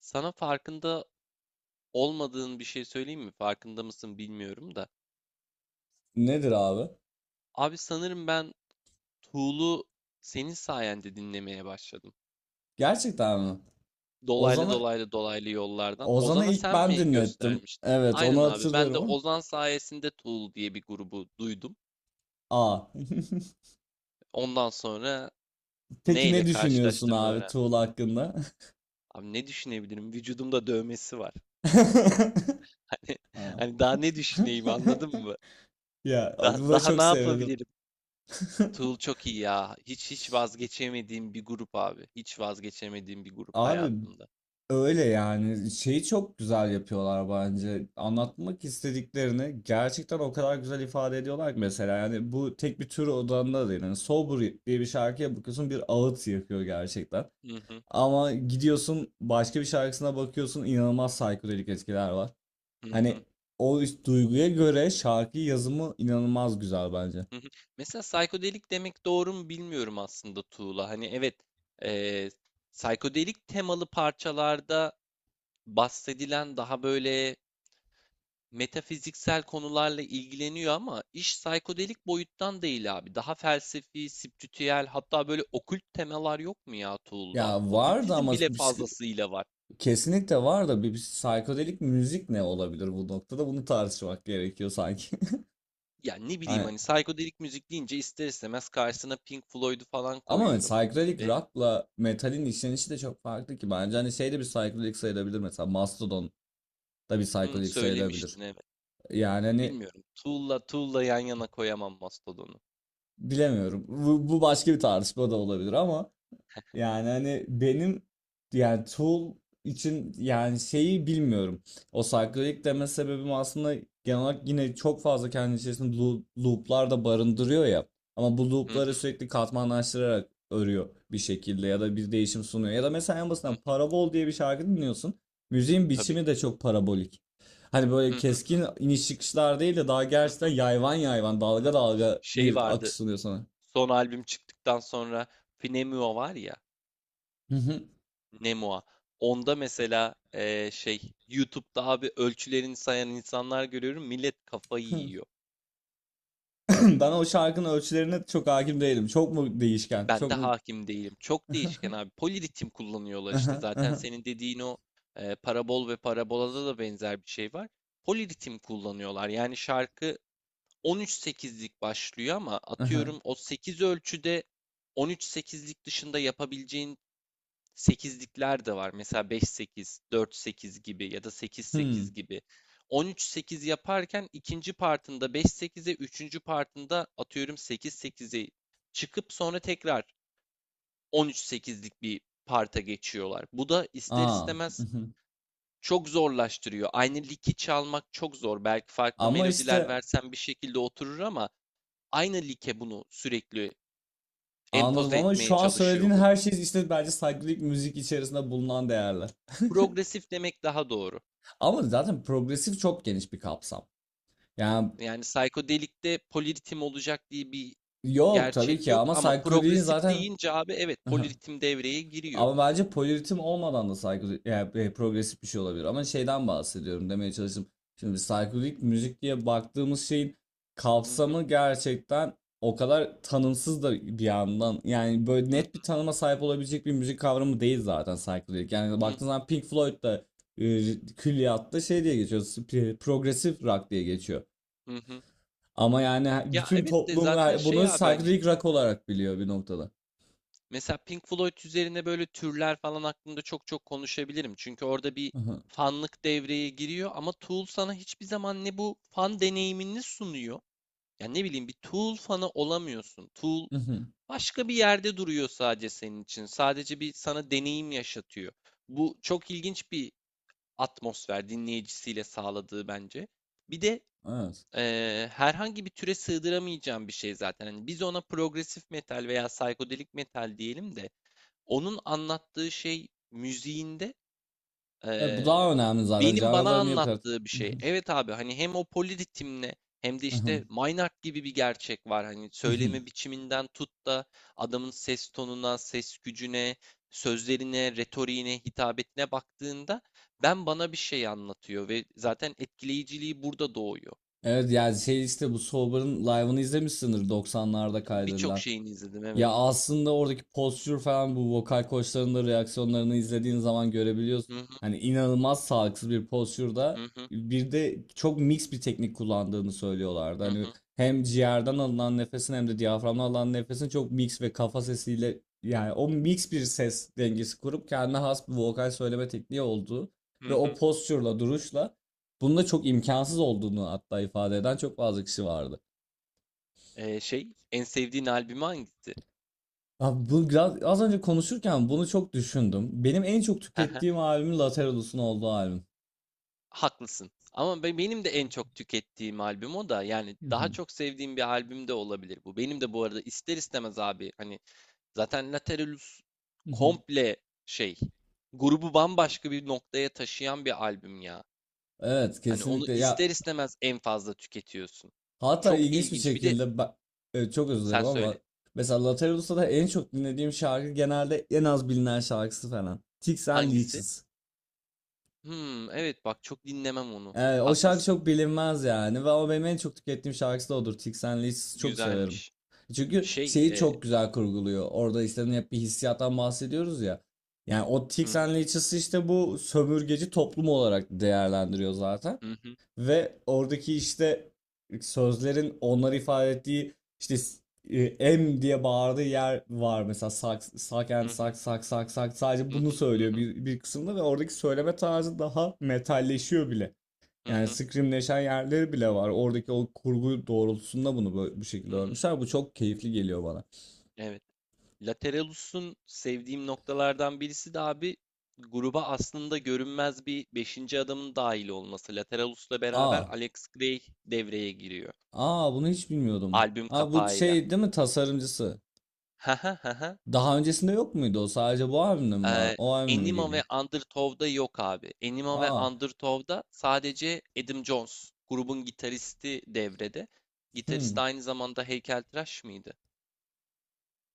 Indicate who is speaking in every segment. Speaker 1: Sana farkında olmadığın bir şey söyleyeyim mi? Farkında mısın bilmiyorum da.
Speaker 2: Nedir abi?
Speaker 1: Abi sanırım ben Tool'u senin sayende dinlemeye başladım.
Speaker 2: Gerçekten mi?
Speaker 1: Dolaylı
Speaker 2: Ozan'a
Speaker 1: dolaylı dolaylı yollardan.
Speaker 2: Ozan'a
Speaker 1: Ozan'a
Speaker 2: ilk
Speaker 1: sen
Speaker 2: ben
Speaker 1: mi
Speaker 2: dinlettim.
Speaker 1: göstermiştin?
Speaker 2: Evet, onu
Speaker 1: Aynen abi. Ben de
Speaker 2: hatırlıyorum ama.
Speaker 1: Ozan sayesinde Tool diye bir grubu duydum.
Speaker 2: Aa.
Speaker 1: Ondan sonra
Speaker 2: Peki
Speaker 1: neyle
Speaker 2: ne düşünüyorsun
Speaker 1: karşılaştığımı
Speaker 2: abi
Speaker 1: öğrendim.
Speaker 2: Tuğla hakkında?
Speaker 1: Abi ne düşünebilirim? Vücudumda dövmesi var. Hani,
Speaker 2: Aa.
Speaker 1: hani daha ne düşüneyim anladın mı?
Speaker 2: Ya
Speaker 1: Da-
Speaker 2: buna
Speaker 1: daha
Speaker 2: çok
Speaker 1: ne
Speaker 2: sevindim.
Speaker 1: yapabilirim? Tool çok iyi ya. Hiç vazgeçemediğim bir grup abi. Hiç vazgeçemediğim bir grup
Speaker 2: Abi
Speaker 1: hayatımda.
Speaker 2: öyle yani şeyi çok güzel yapıyorlar bence. Anlatmak istediklerini gerçekten o kadar güzel ifade ediyorlar ki mesela yani bu tek bir tür odanda değil. Yani Sober diye bir şarkıya bakıyorsun, bir ağıt yakıyor gerçekten.
Speaker 1: Hı hı,
Speaker 2: Ama gidiyorsun başka bir şarkısına bakıyorsun, inanılmaz psikodelik etkiler var.
Speaker 1: hı hı,
Speaker 2: Hani o duyguya göre şarkı yazımı inanılmaz güzel bence.
Speaker 1: hı hı. Mesela psikodelik demek doğru mu bilmiyorum aslında Tuğla. Hani evet, eee psikodelik temalı parçalarda bahsedilen daha böyle metafiziksel konularla ilgileniyor ama iş psikodelik boyuttan değil abi. Daha felsefi, spiritüel hatta böyle okült temalar yok mu ya Tuğla'da?
Speaker 2: Ya vardı
Speaker 1: Okültizm
Speaker 2: ama
Speaker 1: bile fazlasıyla var.
Speaker 2: kesinlikle var da bir psikodelik müzik ne olabilir bu noktada, bunu tartışmak gerekiyor sanki.
Speaker 1: Yani ne bileyim
Speaker 2: Hani,
Speaker 1: hani psikodelik müzik deyince ister istemez karşısına Pink Floyd'u falan
Speaker 2: ama
Speaker 1: koyuyorum.
Speaker 2: psikodelik
Speaker 1: Ve
Speaker 2: rock'la metalin işlenişi de çok farklı ki bence, hani şey de bir psikodelik sayılabilir, mesela Mastodon da bir
Speaker 1: hı,
Speaker 2: psikodelik sayılabilir.
Speaker 1: söylemiştin evet.
Speaker 2: Yani hani
Speaker 1: Bilmiyorum. Tool'la yan yana koyamam Mastodon'u.
Speaker 2: bilemiyorum, bu başka bir tartışma da olabilir ama yani hani benim, yani Tool için yani şeyi bilmiyorum. O cyclic deme sebebim aslında genel olarak yine çok fazla kendi içerisinde looplar da barındırıyor ya. Ama bu
Speaker 1: Hı
Speaker 2: loopları
Speaker 1: hı
Speaker 2: sürekli katmanlaştırarak örüyor bir şekilde, ya da bir değişim sunuyor. Ya da mesela en
Speaker 1: hı
Speaker 2: basitinden
Speaker 1: hı.
Speaker 2: Parabol diye bir şarkı dinliyorsun. Müziğin
Speaker 1: Tabii.
Speaker 2: biçimi de çok parabolik. Hani böyle
Speaker 1: Hı hı
Speaker 2: keskin iniş çıkışlar değil de daha
Speaker 1: hı
Speaker 2: gerçekten
Speaker 1: hı.
Speaker 2: yayvan yayvan,
Speaker 1: Hı.
Speaker 2: dalga dalga
Speaker 1: Şey
Speaker 2: bir akış
Speaker 1: vardı.
Speaker 2: sunuyor sana.
Speaker 1: Son albüm çıktıktan sonra Finemua var ya. Nemua. Onda mesela şey YouTube'da abi ölçülerini sayan insanlar görüyorum. Millet kafayı yiyor.
Speaker 2: Bana o şarkının ölçülerine çok hakim değilim. Çok mu değişken?
Speaker 1: Ben
Speaker 2: Çok
Speaker 1: de
Speaker 2: mu...
Speaker 1: hakim değilim. Çok değişken abi. Poliritim kullanıyorlar
Speaker 2: Aha,
Speaker 1: işte. Zaten
Speaker 2: aha,
Speaker 1: senin dediğin o parabol ve parabolada da benzer bir şey var. Poliritim kullanıyorlar. Yani şarkı 13-8'lik başlıyor ama
Speaker 2: aha.
Speaker 1: atıyorum o 8 ölçüde 13-8'lik dışında yapabileceğin 8'likler de var. Mesela 5-8, 4-8 gibi ya da 8-8
Speaker 2: Hmm.
Speaker 1: gibi. 13-8 yaparken ikinci partında 5-8'e, üçüncü partında atıyorum 8-8'e çıkıp sonra tekrar 13-8'lik bir parta geçiyorlar. Bu da ister
Speaker 2: Aa.
Speaker 1: istemez
Speaker 2: Mhm.
Speaker 1: çok zorlaştırıyor. Aynı liki çalmak çok zor. Belki farklı
Speaker 2: Ama
Speaker 1: melodiler
Speaker 2: işte
Speaker 1: versen bir şekilde oturur ama aynı like bunu sürekli
Speaker 2: anladım,
Speaker 1: empoze
Speaker 2: ama
Speaker 1: etmeye
Speaker 2: şu an
Speaker 1: çalışıyor
Speaker 2: söylediğin
Speaker 1: grup.
Speaker 2: her şey işte bence psychedelic müzik içerisinde bulunan değerler.
Speaker 1: Progresif demek daha doğru.
Speaker 2: Ama zaten progresif çok geniş bir kapsam. Yani
Speaker 1: Yani psikodelikte poliritim olacak diye bir
Speaker 2: yok tabii
Speaker 1: gerçek
Speaker 2: ki,
Speaker 1: yok
Speaker 2: ama
Speaker 1: ama
Speaker 2: psychedelic'in
Speaker 1: progresif
Speaker 2: zaten...
Speaker 1: deyince abi evet poliritim devreye giriyor.
Speaker 2: Ama bence poliritim olmadan da psikodelik, yani e, progresif bir şey olabilir. Ama şeyden bahsediyorum demeye çalıştım. Şimdi psikodelik müzik diye baktığımız şeyin
Speaker 1: Hı hı,
Speaker 2: kapsamı gerçekten o kadar tanımsız da bir yandan. Yani böyle
Speaker 1: hı
Speaker 2: net bir tanıma sahip olabilecek bir müzik kavramı değil zaten psikodelik. Yani
Speaker 1: hı, hı
Speaker 2: baktığınız
Speaker 1: hı,
Speaker 2: zaman Pink Floyd da e, külliyatta şey diye geçiyor. Progresif rock diye geçiyor.
Speaker 1: hı hı.
Speaker 2: Ama yani
Speaker 1: Ya
Speaker 2: bütün
Speaker 1: evet de
Speaker 2: toplum
Speaker 1: zaten
Speaker 2: bunu
Speaker 1: şey abi hani
Speaker 2: psikodelik rock olarak biliyor bir noktada.
Speaker 1: mesela Pink Floyd üzerine böyle türler falan hakkında çok çok konuşabilirim. Çünkü orada bir
Speaker 2: Hı hı,
Speaker 1: fanlık devreye giriyor ama Tool sana hiçbir zaman ne bu fan deneyimini sunuyor. Yani ne bileyim bir Tool fanı olamıyorsun. Tool
Speaker 2: hı hı.
Speaker 1: başka bir yerde duruyor sadece senin için. Sadece bir sana deneyim yaşatıyor. Bu çok ilginç bir atmosfer dinleyicisiyle sağladığı bence. Bir de
Speaker 2: Evet.
Speaker 1: herhangi bir türe sığdıramayacağım bir şey zaten. Hani biz ona progresif metal veya psikodelik metal diyelim de onun anlattığı şey müziğinde
Speaker 2: Evet, bu
Speaker 1: eee,
Speaker 2: daha önemli zaten.
Speaker 1: benim bana
Speaker 2: Canlılara niye bu kadar...
Speaker 1: anlattığı bir şey. Evet abi hani hem o poliritimle hem de işte Maynard gibi bir gerçek var. Hani söyleme biçiminden tut da adamın ses tonuna, ses gücüne, sözlerine, retoriğine, hitabetine baktığında ben bana bir şey anlatıyor ve zaten etkileyiciliği burada doğuyor.
Speaker 2: Evet yani şey işte bu Sober'ın live'ını izlemişsindir, 90'larda
Speaker 1: Birçok
Speaker 2: kaydedilen.
Speaker 1: şeyini izledim evet.
Speaker 2: Ya aslında oradaki postür falan, bu vokal koçların da reaksiyonlarını izlediğin zaman görebiliyorsun.
Speaker 1: Hı
Speaker 2: Hani inanılmaz sağlıksız bir postürde,
Speaker 1: hı hı
Speaker 2: bir de çok mix bir teknik kullandığını söylüyorlardı.
Speaker 1: hı hı
Speaker 2: Hani
Speaker 1: hı.
Speaker 2: hem ciğerden alınan nefesin hem de diyaframdan alınan nefesin çok mix ve kafa sesiyle, yani o mix bir ses dengesi kurup kendine has bir vokal söyleme tekniği olduğu
Speaker 1: Hı
Speaker 2: ve o
Speaker 1: hı.
Speaker 2: postürle duruşla bunda çok imkansız olduğunu hatta ifade eden çok fazla kişi vardı.
Speaker 1: Şey en sevdiğin albümü hangisi?
Speaker 2: Abi bu biraz, az önce konuşurken bunu çok düşündüm. Benim en çok tükettiğim albüm Lateralus'un olduğu albüm.
Speaker 1: Haklısın. Ama benim de en çok tükettiğim albüm o da. Yani
Speaker 2: Hı
Speaker 1: daha
Speaker 2: hı.
Speaker 1: çok sevdiğim bir albüm de olabilir bu. Benim de bu arada ister istemez abi hani zaten Lateralus
Speaker 2: Hı hı.
Speaker 1: komple şey grubu bambaşka bir noktaya taşıyan bir albüm ya.
Speaker 2: Evet
Speaker 1: Hani onu
Speaker 2: kesinlikle ya,
Speaker 1: ister istemez en fazla tüketiyorsun.
Speaker 2: hatta
Speaker 1: Çok
Speaker 2: ilginç bir
Speaker 1: ilginç. Bir de
Speaker 2: şekilde ben, e, çok özür
Speaker 1: sen
Speaker 2: dilerim ama
Speaker 1: söyle.
Speaker 2: mesela Lateralus'ta da en çok dinlediğim şarkı genelde en az bilinen şarkısı falan. Ticks and
Speaker 1: Hangisi?
Speaker 2: Leeches.
Speaker 1: Hmm, evet bak çok dinlemem onu.
Speaker 2: Evet, o şarkı
Speaker 1: Haklısın.
Speaker 2: çok bilinmez yani, ve o benim en çok tükettiğim şarkısı da odur. Tixen Liz çok severim.
Speaker 1: Güzelmiş.
Speaker 2: Çünkü
Speaker 1: Şey,
Speaker 2: şeyi çok güzel kurguluyor. Orada işte hep bir hissiyattan bahsediyoruz ya. Yani o
Speaker 1: hı hı
Speaker 2: Tixen Liz'isi işte bu sömürgeci toplum olarak değerlendiriyor zaten.
Speaker 1: hı hı
Speaker 2: Ve oradaki işte sözlerin onları ifade ettiği işte e, M diye bağırdığı yer var mesela, sak sak and
Speaker 1: hı hı
Speaker 2: sak sak sak sak sadece
Speaker 1: hı
Speaker 2: bunu
Speaker 1: hı
Speaker 2: söylüyor
Speaker 1: hı
Speaker 2: bir kısımda, ve oradaki söyleme tarzı daha metalleşiyor bile.
Speaker 1: hı
Speaker 2: Yani
Speaker 1: hı.
Speaker 2: scrimleşen yerleri bile var. Oradaki o kurgu doğrultusunda bunu bu şekilde
Speaker 1: Hı.
Speaker 2: örmüşler. Bu çok keyifli geliyor bana.
Speaker 1: Evet. Lateralus'un sevdiğim noktalardan birisi de abi gruba aslında görünmez bir beşinci adamın dahil olması. Lateralus'la beraber
Speaker 2: Aa,
Speaker 1: Alex Gray devreye giriyor.
Speaker 2: aa bunu hiç bilmiyordum.
Speaker 1: Albüm
Speaker 2: Aa, bu
Speaker 1: kapağıyla.
Speaker 2: şey değil mi, tasarımcısı? Daha öncesinde yok muydu o? Sadece bu albümde mi var?
Speaker 1: Ee,
Speaker 2: O albümde mi
Speaker 1: Enima
Speaker 2: geliyor?
Speaker 1: ve Undertow'da yok abi. Enima ve
Speaker 2: Aa,
Speaker 1: Undertow'da sadece Adam Jones, grubun gitaristi devrede. Gitarist
Speaker 2: hmm.
Speaker 1: aynı zamanda heykeltıraş mıydı?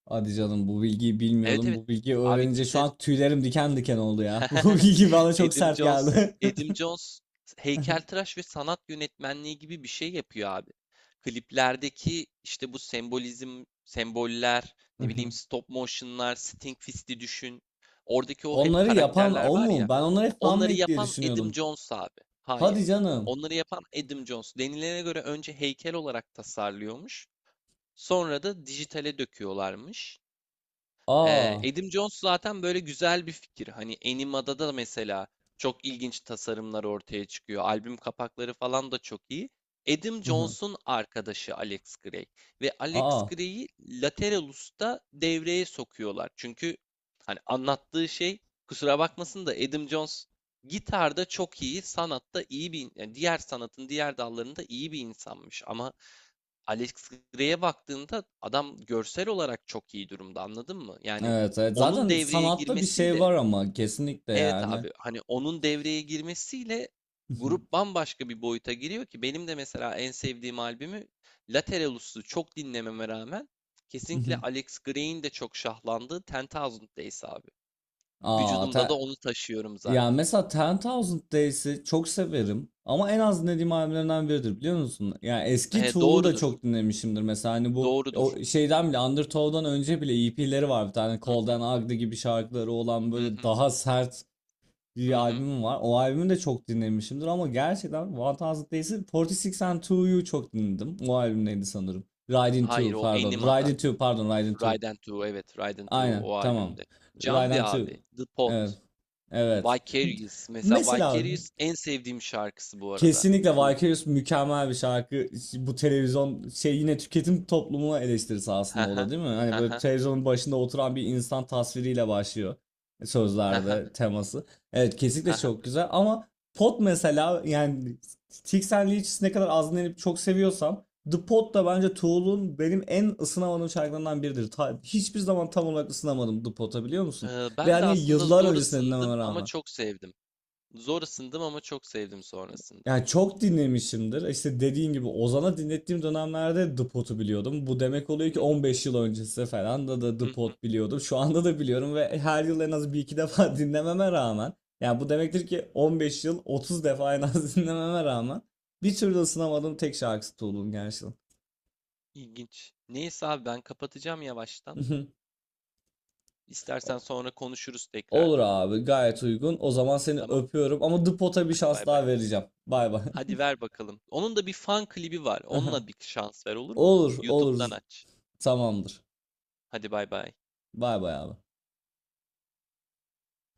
Speaker 2: Hadi canım, bu bilgiyi
Speaker 1: Evet
Speaker 2: bilmiyordum.
Speaker 1: evet.
Speaker 2: Bu bilgiyi
Speaker 1: Abi
Speaker 2: öğrenince şu
Speaker 1: gitar
Speaker 2: an tüylerim diken diken oldu ya. Bu bilgi bana çok
Speaker 1: Edim
Speaker 2: sert
Speaker 1: Jones,
Speaker 2: geldi.
Speaker 1: Edim Jones heykeltıraş ve sanat yönetmenliği gibi bir şey yapıyor abi. Kliplerdeki işte bu sembolizm, semboller, ne bileyim stop motion'lar, Sting Fist'i düşün. Oradaki o hep
Speaker 2: Onları yapan
Speaker 1: karakterler
Speaker 2: o
Speaker 1: var
Speaker 2: mu?
Speaker 1: ya.
Speaker 2: Ben onları hep
Speaker 1: Onları
Speaker 2: fanmade diye
Speaker 1: yapan Edim
Speaker 2: düşünüyordum.
Speaker 1: Jones abi.
Speaker 2: Hadi
Speaker 1: Hayır.
Speaker 2: canım.
Speaker 1: Onları yapan Edim Jones. Denilene göre önce heykel olarak tasarlıyormuş. Sonra da dijitale döküyorlarmış.
Speaker 2: Aa.
Speaker 1: Adam Jones zaten böyle güzel bir fikir. Hani Anima'da da mesela çok ilginç tasarımlar ortaya çıkıyor. Albüm kapakları falan da çok iyi. Adam Jones'un arkadaşı Alex Gray ve Alex
Speaker 2: Aa.
Speaker 1: Gray'i Lateralus'ta devreye sokuyorlar. Çünkü hani anlattığı şey kusura bakmasın da Adam Jones gitarda çok iyi, sanatta iyi bir yani diğer sanatın diğer dallarında iyi bir insanmış ama Alex Grey'e baktığında adam görsel olarak çok iyi durumda anladın mı? Yani
Speaker 2: Evet, evet.
Speaker 1: onun
Speaker 2: Zaten
Speaker 1: devreye
Speaker 2: sanatta bir şey
Speaker 1: girmesiyle
Speaker 2: var ama, kesinlikle
Speaker 1: evet
Speaker 2: yani.
Speaker 1: abi hani onun devreye girmesiyle grup bambaşka bir boyuta giriyor ki benim de mesela en sevdiğim albümü Lateralus'u çok dinlememe rağmen kesinlikle Alex Grey'in de çok şahlandığı 10.000 Days abi.
Speaker 2: Aa,
Speaker 1: Vücudumda da onu taşıyorum
Speaker 2: yani
Speaker 1: zaten.
Speaker 2: mesela Ten Thousand Days'i çok severim ama en az dinlediğim albümlerinden biridir, biliyor musun? Yani eski
Speaker 1: E,
Speaker 2: Tool'u da
Speaker 1: doğrudur.
Speaker 2: çok dinlemişimdir. Mesela hani bu o
Speaker 1: Doğrudur.
Speaker 2: şeyden bile, Undertow'dan önce bile EP'leri var, bir tane Cold
Speaker 1: Hı
Speaker 2: and Ugly gibi şarkıları olan,
Speaker 1: hı
Speaker 2: böyle daha sert
Speaker 1: hı.
Speaker 2: bir
Speaker 1: Hı.
Speaker 2: albümüm var. O albümü de çok dinlemişimdir ama gerçekten One Thousand Days'i, 46 and 2'yu çok dinledim. O albüm neydi sanırım. Riding
Speaker 1: Hayır
Speaker 2: 2
Speaker 1: o
Speaker 2: pardon.
Speaker 1: Anima'da.
Speaker 2: Riding 2 pardon, Riding 2.
Speaker 1: Raiden 2 evet Raiden 2
Speaker 2: Aynen
Speaker 1: o
Speaker 2: tamam.
Speaker 1: albümde.
Speaker 2: Riding
Speaker 1: Jamdi
Speaker 2: 2.
Speaker 1: abi, The Pot,
Speaker 2: Evet. Evet.
Speaker 1: Vicarious. Mesela
Speaker 2: Mesela
Speaker 1: Vicarious en sevdiğim şarkısı bu arada.
Speaker 2: kesinlikle
Speaker 1: Tool'un.
Speaker 2: Vicarious mükemmel bir şarkı. Bu televizyon şey, yine tüketim toplumuna eleştirisi aslında o
Speaker 1: Haha,
Speaker 2: da değil mi? Hani böyle
Speaker 1: haha,
Speaker 2: televizyonun başında oturan bir insan tasviriyle başlıyor
Speaker 1: haha,
Speaker 2: sözlerde teması. Evet kesinlikle
Speaker 1: haha.
Speaker 2: çok güzel, ama Pot mesela, yani Tix and Leaches'i ne kadar az dinlenip çok seviyorsam, The Pot da bence Tool'un benim en ısınamadığım şarkılarından biridir. Hiçbir zaman tam olarak ısınamadım The Pot'a, biliyor musun? Ve
Speaker 1: Ben de
Speaker 2: hani
Speaker 1: aslında
Speaker 2: yıllar
Speaker 1: zor
Speaker 2: öncesinde
Speaker 1: ısındım
Speaker 2: dinlememe
Speaker 1: ama
Speaker 2: rağmen.
Speaker 1: çok sevdim. Zor ısındım ama çok sevdim sonrasında.
Speaker 2: Yani çok dinlemişimdir. İşte dediğin gibi Ozan'a dinlettiğim dönemlerde The Pot'u biliyordum. Bu demek oluyor
Speaker 1: Hı
Speaker 2: ki
Speaker 1: hı,
Speaker 2: 15 yıl öncesi falan da
Speaker 1: hı
Speaker 2: The
Speaker 1: hı.
Speaker 2: Pot biliyordum. Şu anda da biliyorum ve her yıl en az bir iki defa dinlememe rağmen. Yani bu demektir ki 15 yıl, 30 defa en az dinlememe rağmen bir türlü ısınamadığım tek şarkısı Tool'un gerçekten.
Speaker 1: İlginç. Neyse abi ben kapatacağım yavaştan.
Speaker 2: O-
Speaker 1: İstersen sonra konuşuruz
Speaker 2: Olur
Speaker 1: tekrardan.
Speaker 2: abi, gayet uygun. O zaman seni
Speaker 1: Tamam.
Speaker 2: öpüyorum ama The Pot'a bir
Speaker 1: Hadi
Speaker 2: şans
Speaker 1: bay bay.
Speaker 2: daha vereceğim. Bay bay.
Speaker 1: Hadi ver bakalım. Onun da bir fan klibi var. Onunla bir şans ver olur mu?
Speaker 2: Olur olur,
Speaker 1: YouTube'dan aç.
Speaker 2: tamamdır.
Speaker 1: Hadi bay bay.
Speaker 2: Bay bay abi.